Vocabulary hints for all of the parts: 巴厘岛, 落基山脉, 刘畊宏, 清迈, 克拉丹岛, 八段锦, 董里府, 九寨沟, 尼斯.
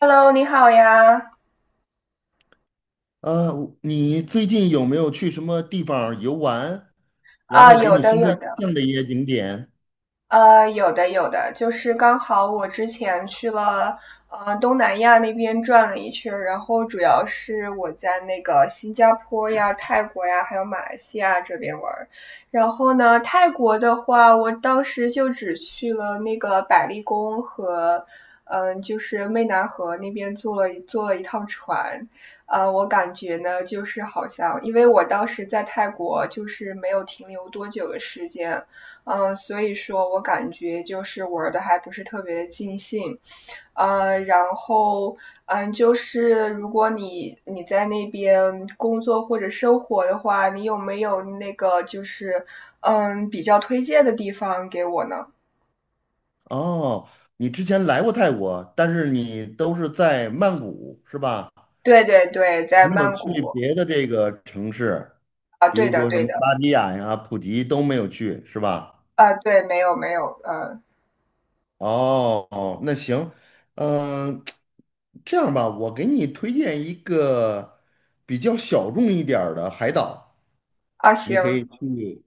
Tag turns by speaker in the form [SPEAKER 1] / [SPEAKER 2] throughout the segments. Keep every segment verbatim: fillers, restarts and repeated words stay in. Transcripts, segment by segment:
[SPEAKER 1] Hello，你好呀！
[SPEAKER 2] 呃，你最近有没有去什么地方儿游玩，然
[SPEAKER 1] 啊，
[SPEAKER 2] 后给
[SPEAKER 1] 有
[SPEAKER 2] 你
[SPEAKER 1] 的
[SPEAKER 2] 深
[SPEAKER 1] 有
[SPEAKER 2] 刻印
[SPEAKER 1] 的，
[SPEAKER 2] 象的一些景点？
[SPEAKER 1] 呃，有的有的，就是刚好我之前去了，呃，东南亚那边转了一圈儿，然后主要是我在那个新加坡呀、泰国呀，还有马来西亚这边玩儿。然后呢，泰国的话，我当时就只去了那个百丽宫和，嗯、呃就是湄南河那边坐了一坐了一趟船。呃，我感觉呢，就是好像，因为我当时在泰国就是没有停留多久的时间，嗯，所以说我感觉就是玩的还不是特别的尽兴，呃，然后嗯，就是如果你你在那边工作或者生活的话，你有没有那个就是嗯比较推荐的地方给我呢？
[SPEAKER 2] 哦，你之前来过泰国，但是你都是在曼谷，是吧？
[SPEAKER 1] 对对对，在
[SPEAKER 2] 没有
[SPEAKER 1] 曼
[SPEAKER 2] 去
[SPEAKER 1] 谷。
[SPEAKER 2] 别的这个城市，
[SPEAKER 1] 啊，
[SPEAKER 2] 比
[SPEAKER 1] 对
[SPEAKER 2] 如
[SPEAKER 1] 的
[SPEAKER 2] 说什
[SPEAKER 1] 对
[SPEAKER 2] 么
[SPEAKER 1] 的。
[SPEAKER 2] 芭提雅呀、普吉都没有去，是吧？
[SPEAKER 1] 啊，对，没有没有，嗯。
[SPEAKER 2] 哦，哦，那行，嗯、这样吧，我给你推荐一个比较小众一点儿的海岛，
[SPEAKER 1] 啊
[SPEAKER 2] 你
[SPEAKER 1] 行。
[SPEAKER 2] 可以去。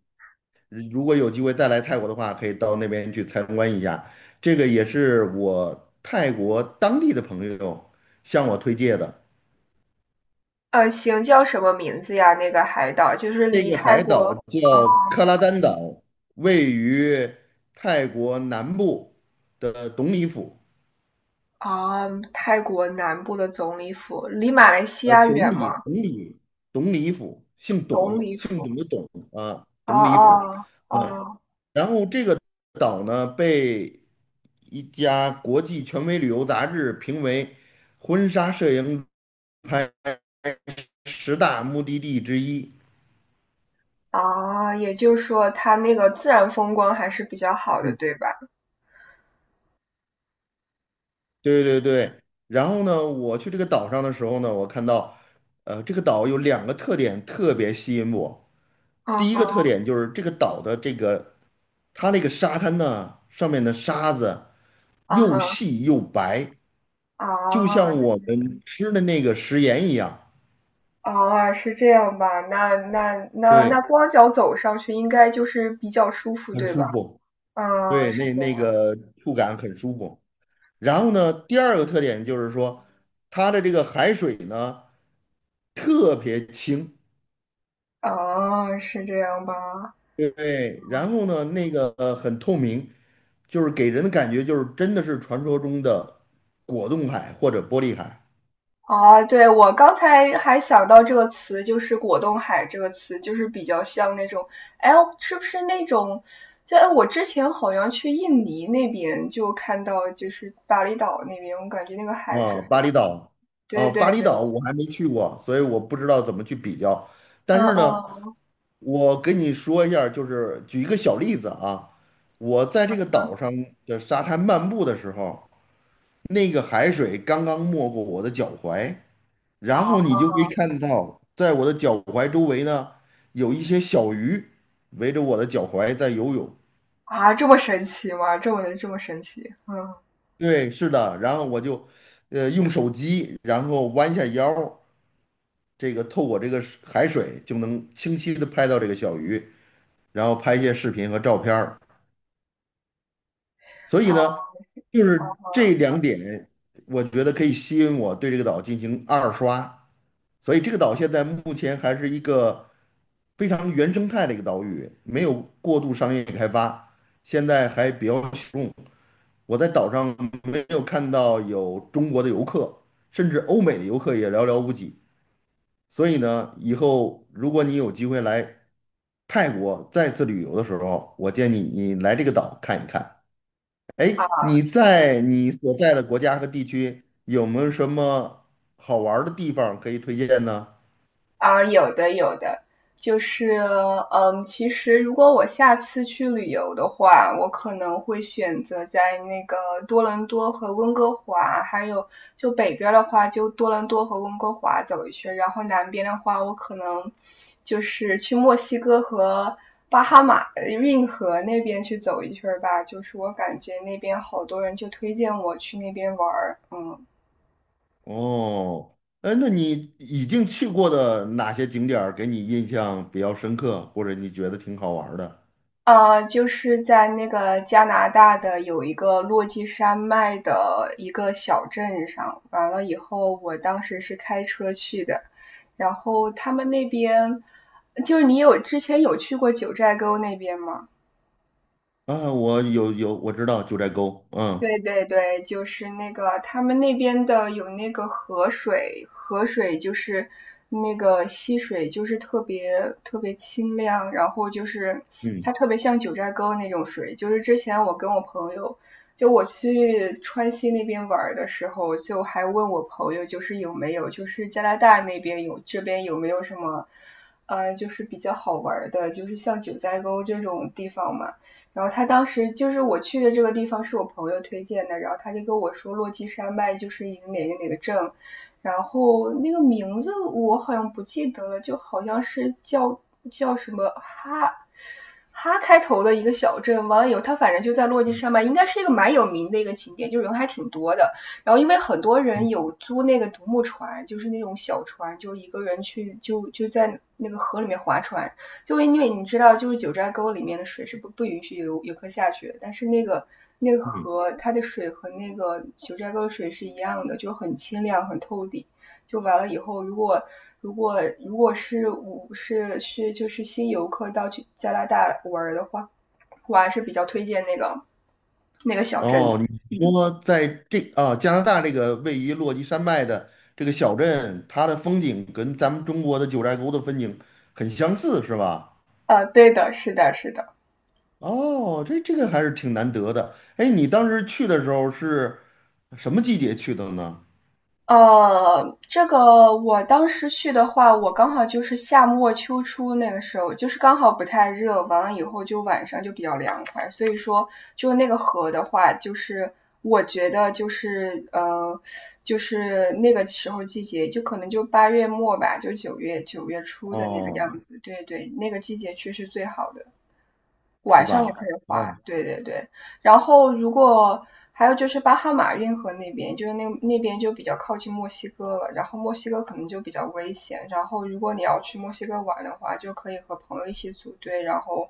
[SPEAKER 2] 如果有机会再来泰国的话，可以到那边去参观一下。这个也是我泰国当地的朋友向我推荐的。
[SPEAKER 1] 啊行，叫什么名字呀？那个海岛就是
[SPEAKER 2] 这
[SPEAKER 1] 离
[SPEAKER 2] 个
[SPEAKER 1] 泰
[SPEAKER 2] 海
[SPEAKER 1] 国。
[SPEAKER 2] 岛
[SPEAKER 1] 嗯。
[SPEAKER 2] 叫克拉丹岛，位于泰国南部的董里府。
[SPEAKER 1] 啊，泰国南部的总理府离马来西
[SPEAKER 2] 呃，
[SPEAKER 1] 亚
[SPEAKER 2] 董
[SPEAKER 1] 远
[SPEAKER 2] 里，
[SPEAKER 1] 吗？
[SPEAKER 2] 董里，董里府，姓
[SPEAKER 1] 总
[SPEAKER 2] 董，
[SPEAKER 1] 理
[SPEAKER 2] 姓
[SPEAKER 1] 府，
[SPEAKER 2] 董的董啊，
[SPEAKER 1] 哦
[SPEAKER 2] 董里府。
[SPEAKER 1] 哦
[SPEAKER 2] 嗯。
[SPEAKER 1] 哦。
[SPEAKER 2] 然后这个岛呢，被一家国际权威旅游杂志评为婚纱摄影拍十大目的地之一。
[SPEAKER 1] 啊，也就是说它那个自然风光还是比较好的，
[SPEAKER 2] 嗯，
[SPEAKER 1] 对吧？
[SPEAKER 2] 对对对。然后呢，我去这个岛上的时候呢，我看到，呃，这个岛有两个特点特别吸引我。
[SPEAKER 1] 啊
[SPEAKER 2] 第一个特
[SPEAKER 1] 哈。
[SPEAKER 2] 点就是这个岛的这个它那个沙滩呢，上面的沙子
[SPEAKER 1] 啊
[SPEAKER 2] 又
[SPEAKER 1] 哈。
[SPEAKER 2] 细又白，就
[SPEAKER 1] 啊。
[SPEAKER 2] 像我们吃的那个食盐一样。
[SPEAKER 1] 啊，是这样吧？那那那那
[SPEAKER 2] 对，
[SPEAKER 1] 光脚走上去应该就是比较舒服，
[SPEAKER 2] 很
[SPEAKER 1] 对吧？
[SPEAKER 2] 舒服，
[SPEAKER 1] 啊，
[SPEAKER 2] 对，
[SPEAKER 1] 是
[SPEAKER 2] 那
[SPEAKER 1] 这
[SPEAKER 2] 那
[SPEAKER 1] 样。
[SPEAKER 2] 个触感很舒服。然后呢，第二个特点就是说，它的这个海水呢特别清，
[SPEAKER 1] 啊，是这样吧？
[SPEAKER 2] 对，对。然后呢那个呃很透明，就是给人的感觉就是真的是传说中的果冻海或者玻璃海
[SPEAKER 1] 啊，对，我刚才还想到这个词，就是"果冻海"这个词，就是比较像那种，哎，是不是那种？在我之前好像去印尼那边就看到，就是巴厘岛那边，我感觉那个海是
[SPEAKER 2] 啊，
[SPEAKER 1] 很……
[SPEAKER 2] 巴厘岛
[SPEAKER 1] 对
[SPEAKER 2] 啊，
[SPEAKER 1] 对
[SPEAKER 2] 巴厘
[SPEAKER 1] 对，
[SPEAKER 2] 岛我还没去过，所以我不知道怎么去比较。但
[SPEAKER 1] 嗯
[SPEAKER 2] 是呢，
[SPEAKER 1] 嗯。
[SPEAKER 2] 我跟你说一下就是举一个小例子啊，我在这个岛上的沙滩漫步的时候，那个海水刚刚没过我的脚踝，
[SPEAKER 1] 啊
[SPEAKER 2] 然后你就可以看到，在我的脚踝周围呢，有一些小鱼围着我的脚踝在游泳。
[SPEAKER 1] 啊，这么神奇吗？这么这么神奇，嗯。
[SPEAKER 2] 对，是的，然后我就，呃，用手机，然后弯下腰，这个透过这个海水就能清晰的拍到这个小鱼，然后拍一些视频和照片儿。所以
[SPEAKER 1] 啊
[SPEAKER 2] 呢，就
[SPEAKER 1] 啊。
[SPEAKER 2] 是这两点，我觉得可以吸引我对这个岛进行二刷。所以这个岛现在目前还是一个非常原生态的一个岛屿，没有过度商业开发，现在还比较小众。我在岛上没有看到有中国的游客，甚至欧美的游客也寥寥无几。所以呢，以后如果你有机会来泰国再次旅游的时候，我建议你来这个岛看一看。
[SPEAKER 1] 啊
[SPEAKER 2] 哎，你
[SPEAKER 1] 啊
[SPEAKER 2] 在
[SPEAKER 1] 行。
[SPEAKER 2] 你所在的国家和地区有没有什么好玩儿的地方可以推荐呢？
[SPEAKER 1] 啊，有的有的，就是，嗯，其实如果我下次去旅游的话，我可能会选择在那个多伦多和温哥华，还有就北边的话，就多伦多和温哥华走一圈，然后南边的话，我可能就是去墨西哥和巴哈马呃运河那边去走一圈吧。就是我感觉那边好多人就推荐我去那边玩儿嗯。
[SPEAKER 2] 哦，哎，那你已经去过的哪些景点儿给你印象比较深刻，或者你觉得挺好玩儿的？
[SPEAKER 1] 呃，就是在那个加拿大的有一个落基山脉的一个小镇上，完了以后，我当时是开车去的，然后他们那边，就是你有之前有去过九寨沟那边吗？
[SPEAKER 2] 啊，我有有，我知道九寨沟，嗯
[SPEAKER 1] 对对对，就是那个他们那边的有那个河水，河水就是那个溪水，就是特别特别清亮，然后就是它
[SPEAKER 2] 嗯
[SPEAKER 1] 特别像九寨沟那种水。就是之前我跟我朋友，就我去川西那边玩儿的时候，就还问我朋友，就是有没有，就是加拿大那边有，这边有没有什么，呃，就是比较好玩儿的，就是像九寨沟这种地方嘛。然后他当时就是我去的这个地方是我朋友推荐的，然后他就跟我说洛基山脉就是一个哪个哪个镇，然后那个名字我好像不记得了，就好像是叫叫什么哈哈开头的一个小镇。完了以后，他反正就在洛基山脉，应该是一个蛮有名的一个景点，就是人还挺多的。然后因为很多人
[SPEAKER 2] 嗯
[SPEAKER 1] 有租那个独木船，就是那种小船，就是一个人去就就在那个河里面划船，就因为你知道，就是九寨沟里面的水是不不允许游游客下去的但是那个那个
[SPEAKER 2] 嗯，
[SPEAKER 1] 河它的水和那个九寨沟的水是一样的，就很清亮、很透底。就完了以后，如果如果如果是我是是就是新游客到去加拿大玩的话，我还是比较推荐那个那个小镇的。
[SPEAKER 2] 哦，你
[SPEAKER 1] 嗯。
[SPEAKER 2] 说在这啊加拿大这个位于落基山脉的这个小镇，它的风景跟咱们中国的九寨沟的风景很相似，是吧？
[SPEAKER 1] 啊，对的，是的，是的。
[SPEAKER 2] 哦，这这个还是挺难得的。哎，你当时去的时候是什么季节去的呢？
[SPEAKER 1] 呃，这个我当时去的话，我刚好就是夏末秋初那个时候，就是刚好不太热，完了以后就晚上就比较凉快，所以说就那个河的话，就是我觉得就是呃，就是那个时候季节，就可能就八月末吧，就九月九月初的那个样
[SPEAKER 2] 哦，
[SPEAKER 1] 子，对对，那个季节去是最好的。
[SPEAKER 2] 是
[SPEAKER 1] 晚上也可以
[SPEAKER 2] 吧？哦，
[SPEAKER 1] 滑，对对对。然后如果还有就是巴哈马运河那边，就是那那边就比较靠近墨西哥了，然后墨西哥可能就比较危险。然后如果你要去墨西哥玩的话，就可以和朋友一起组队，然后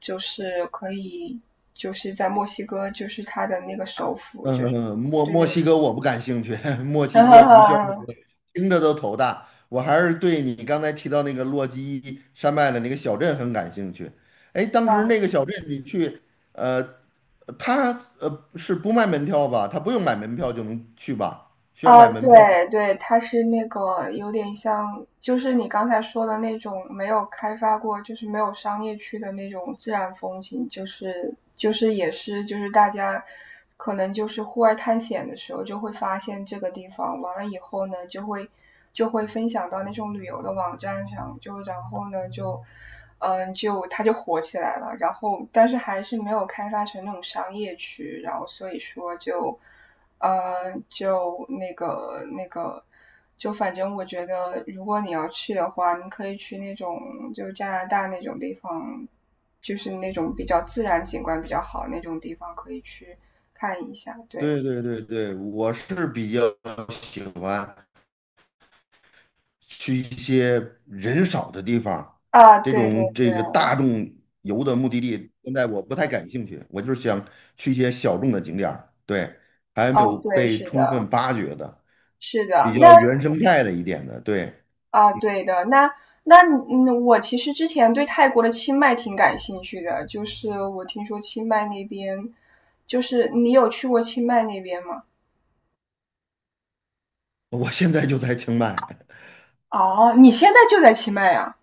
[SPEAKER 1] 就是可以就是在墨西哥，就是它的那个首府，
[SPEAKER 2] 嗯，
[SPEAKER 1] 就
[SPEAKER 2] 嗯
[SPEAKER 1] 是
[SPEAKER 2] 嗯墨
[SPEAKER 1] 对
[SPEAKER 2] 墨
[SPEAKER 1] 对
[SPEAKER 2] 西哥我不感兴趣，墨
[SPEAKER 1] 对，
[SPEAKER 2] 西
[SPEAKER 1] 哈
[SPEAKER 2] 哥毒枭那
[SPEAKER 1] 哈
[SPEAKER 2] 个听着都头大。我还是对你刚才提到那个洛基山脉的那个小镇很感兴趣。哎，当时那
[SPEAKER 1] 哈。
[SPEAKER 2] 个小镇你去，呃，他呃是不卖门票吧？他不用买门票就能去吧？需要
[SPEAKER 1] 啊，
[SPEAKER 2] 买门票？
[SPEAKER 1] 对对，它是那个有点像，就是你刚才说的那种没有开发过，就是没有商业区的那种自然风景，就是就是也是就是大家可能就是户外探险的时候就会发现这个地方，完了以后呢就会就会分享到那种旅游的网站上，就然后呢就嗯就它就火起来了，然后但是还是没有开发成那种商业区，然后所以说就。呃，就那个那个，就反正我觉得，如果你要去的话，你可以去那种就加拿大那种地方，就是那种比较自然景观比较好那种地方，可以去看一下。对。
[SPEAKER 2] 对对对对，我是比较喜欢去一些人少的地方，
[SPEAKER 1] 啊，
[SPEAKER 2] 这
[SPEAKER 1] 对对
[SPEAKER 2] 种这个
[SPEAKER 1] 对。
[SPEAKER 2] 大众游的目的地，现在我不太感兴趣，我就是想去一些小众的景点儿对，还没有
[SPEAKER 1] 哦，对，
[SPEAKER 2] 被
[SPEAKER 1] 是
[SPEAKER 2] 充
[SPEAKER 1] 的，
[SPEAKER 2] 分发掘的，
[SPEAKER 1] 是的。
[SPEAKER 2] 比
[SPEAKER 1] 那
[SPEAKER 2] 较原生态的一点的，对，
[SPEAKER 1] 啊，对的。那那嗯，我其实之前对泰国的清迈挺感兴趣的，就是我听说清迈那边，就是你有去过清迈那边吗？
[SPEAKER 2] 我现在就在清迈
[SPEAKER 1] 哦，你现在就在清迈呀？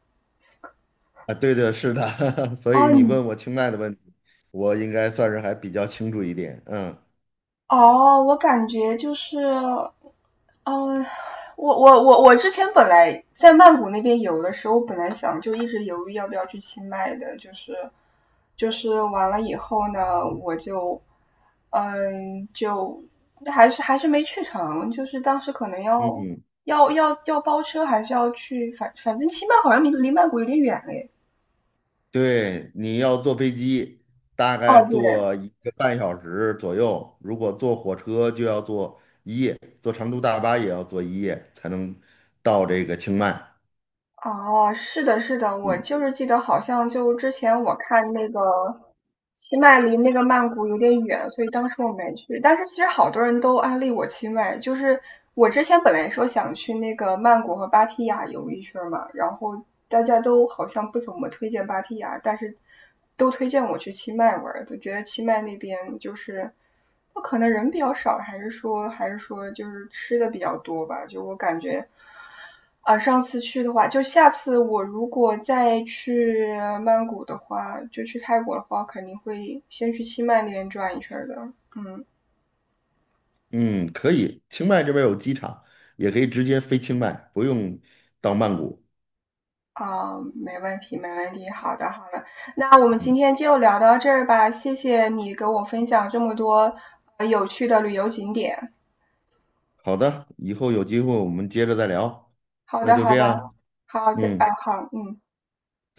[SPEAKER 2] 啊，对的，是的，所
[SPEAKER 1] 哦，
[SPEAKER 2] 以你
[SPEAKER 1] 你
[SPEAKER 2] 问我清迈的问题，我应该算是还比较清楚一点，嗯
[SPEAKER 1] 哦，我感觉就是，嗯、我我我我之前本来在曼谷那边游的时候，我本来想就一直犹豫要不要去清迈的，就是就是完了以后呢，我就嗯就还是还是没去成，就是当时可能要
[SPEAKER 2] 嗯。
[SPEAKER 1] 要要要包车，还是要去反反正清迈好像离离曼谷有点远嘞。
[SPEAKER 2] 对，你要坐飞机，大
[SPEAKER 1] 哦，
[SPEAKER 2] 概
[SPEAKER 1] 对。
[SPEAKER 2] 坐一个半小时左右；如果坐火车，就要坐一夜，坐长途大巴也要坐一夜才能到这个清迈。
[SPEAKER 1] 哦，是的，是的，我就是记得好像就之前我看那个清迈离那个曼谷有点远，所以当时我没去。但是其实好多人都安利我清迈，就是我之前本来说想去那个曼谷和芭提雅游一圈嘛，然后大家都好像不怎么推荐芭提雅，但是都推荐我去清迈玩儿，都觉得清迈那边就是。那可能人比较少，还是说还是说就是吃的比较多吧？就我感觉，啊，上次去的话，就下次我如果再去曼谷的话，就去泰国的话，肯定会先去清迈那边转一圈儿的。嗯。
[SPEAKER 2] 嗯，可以，清迈这边有机场，也可以直接飞清迈，不用到曼谷。
[SPEAKER 1] 啊，没问题，没问题。好的，好的。那我们今
[SPEAKER 2] 嗯，
[SPEAKER 1] 天就聊到这儿吧，谢谢你给我分享这么多呃有趣的旅游景点。
[SPEAKER 2] 好的，以后有机会我们接着再聊，
[SPEAKER 1] 好
[SPEAKER 2] 那
[SPEAKER 1] 的，
[SPEAKER 2] 就
[SPEAKER 1] 好
[SPEAKER 2] 这
[SPEAKER 1] 的，
[SPEAKER 2] 样。
[SPEAKER 1] 好的，啊，
[SPEAKER 2] 嗯。
[SPEAKER 1] 好，嗯。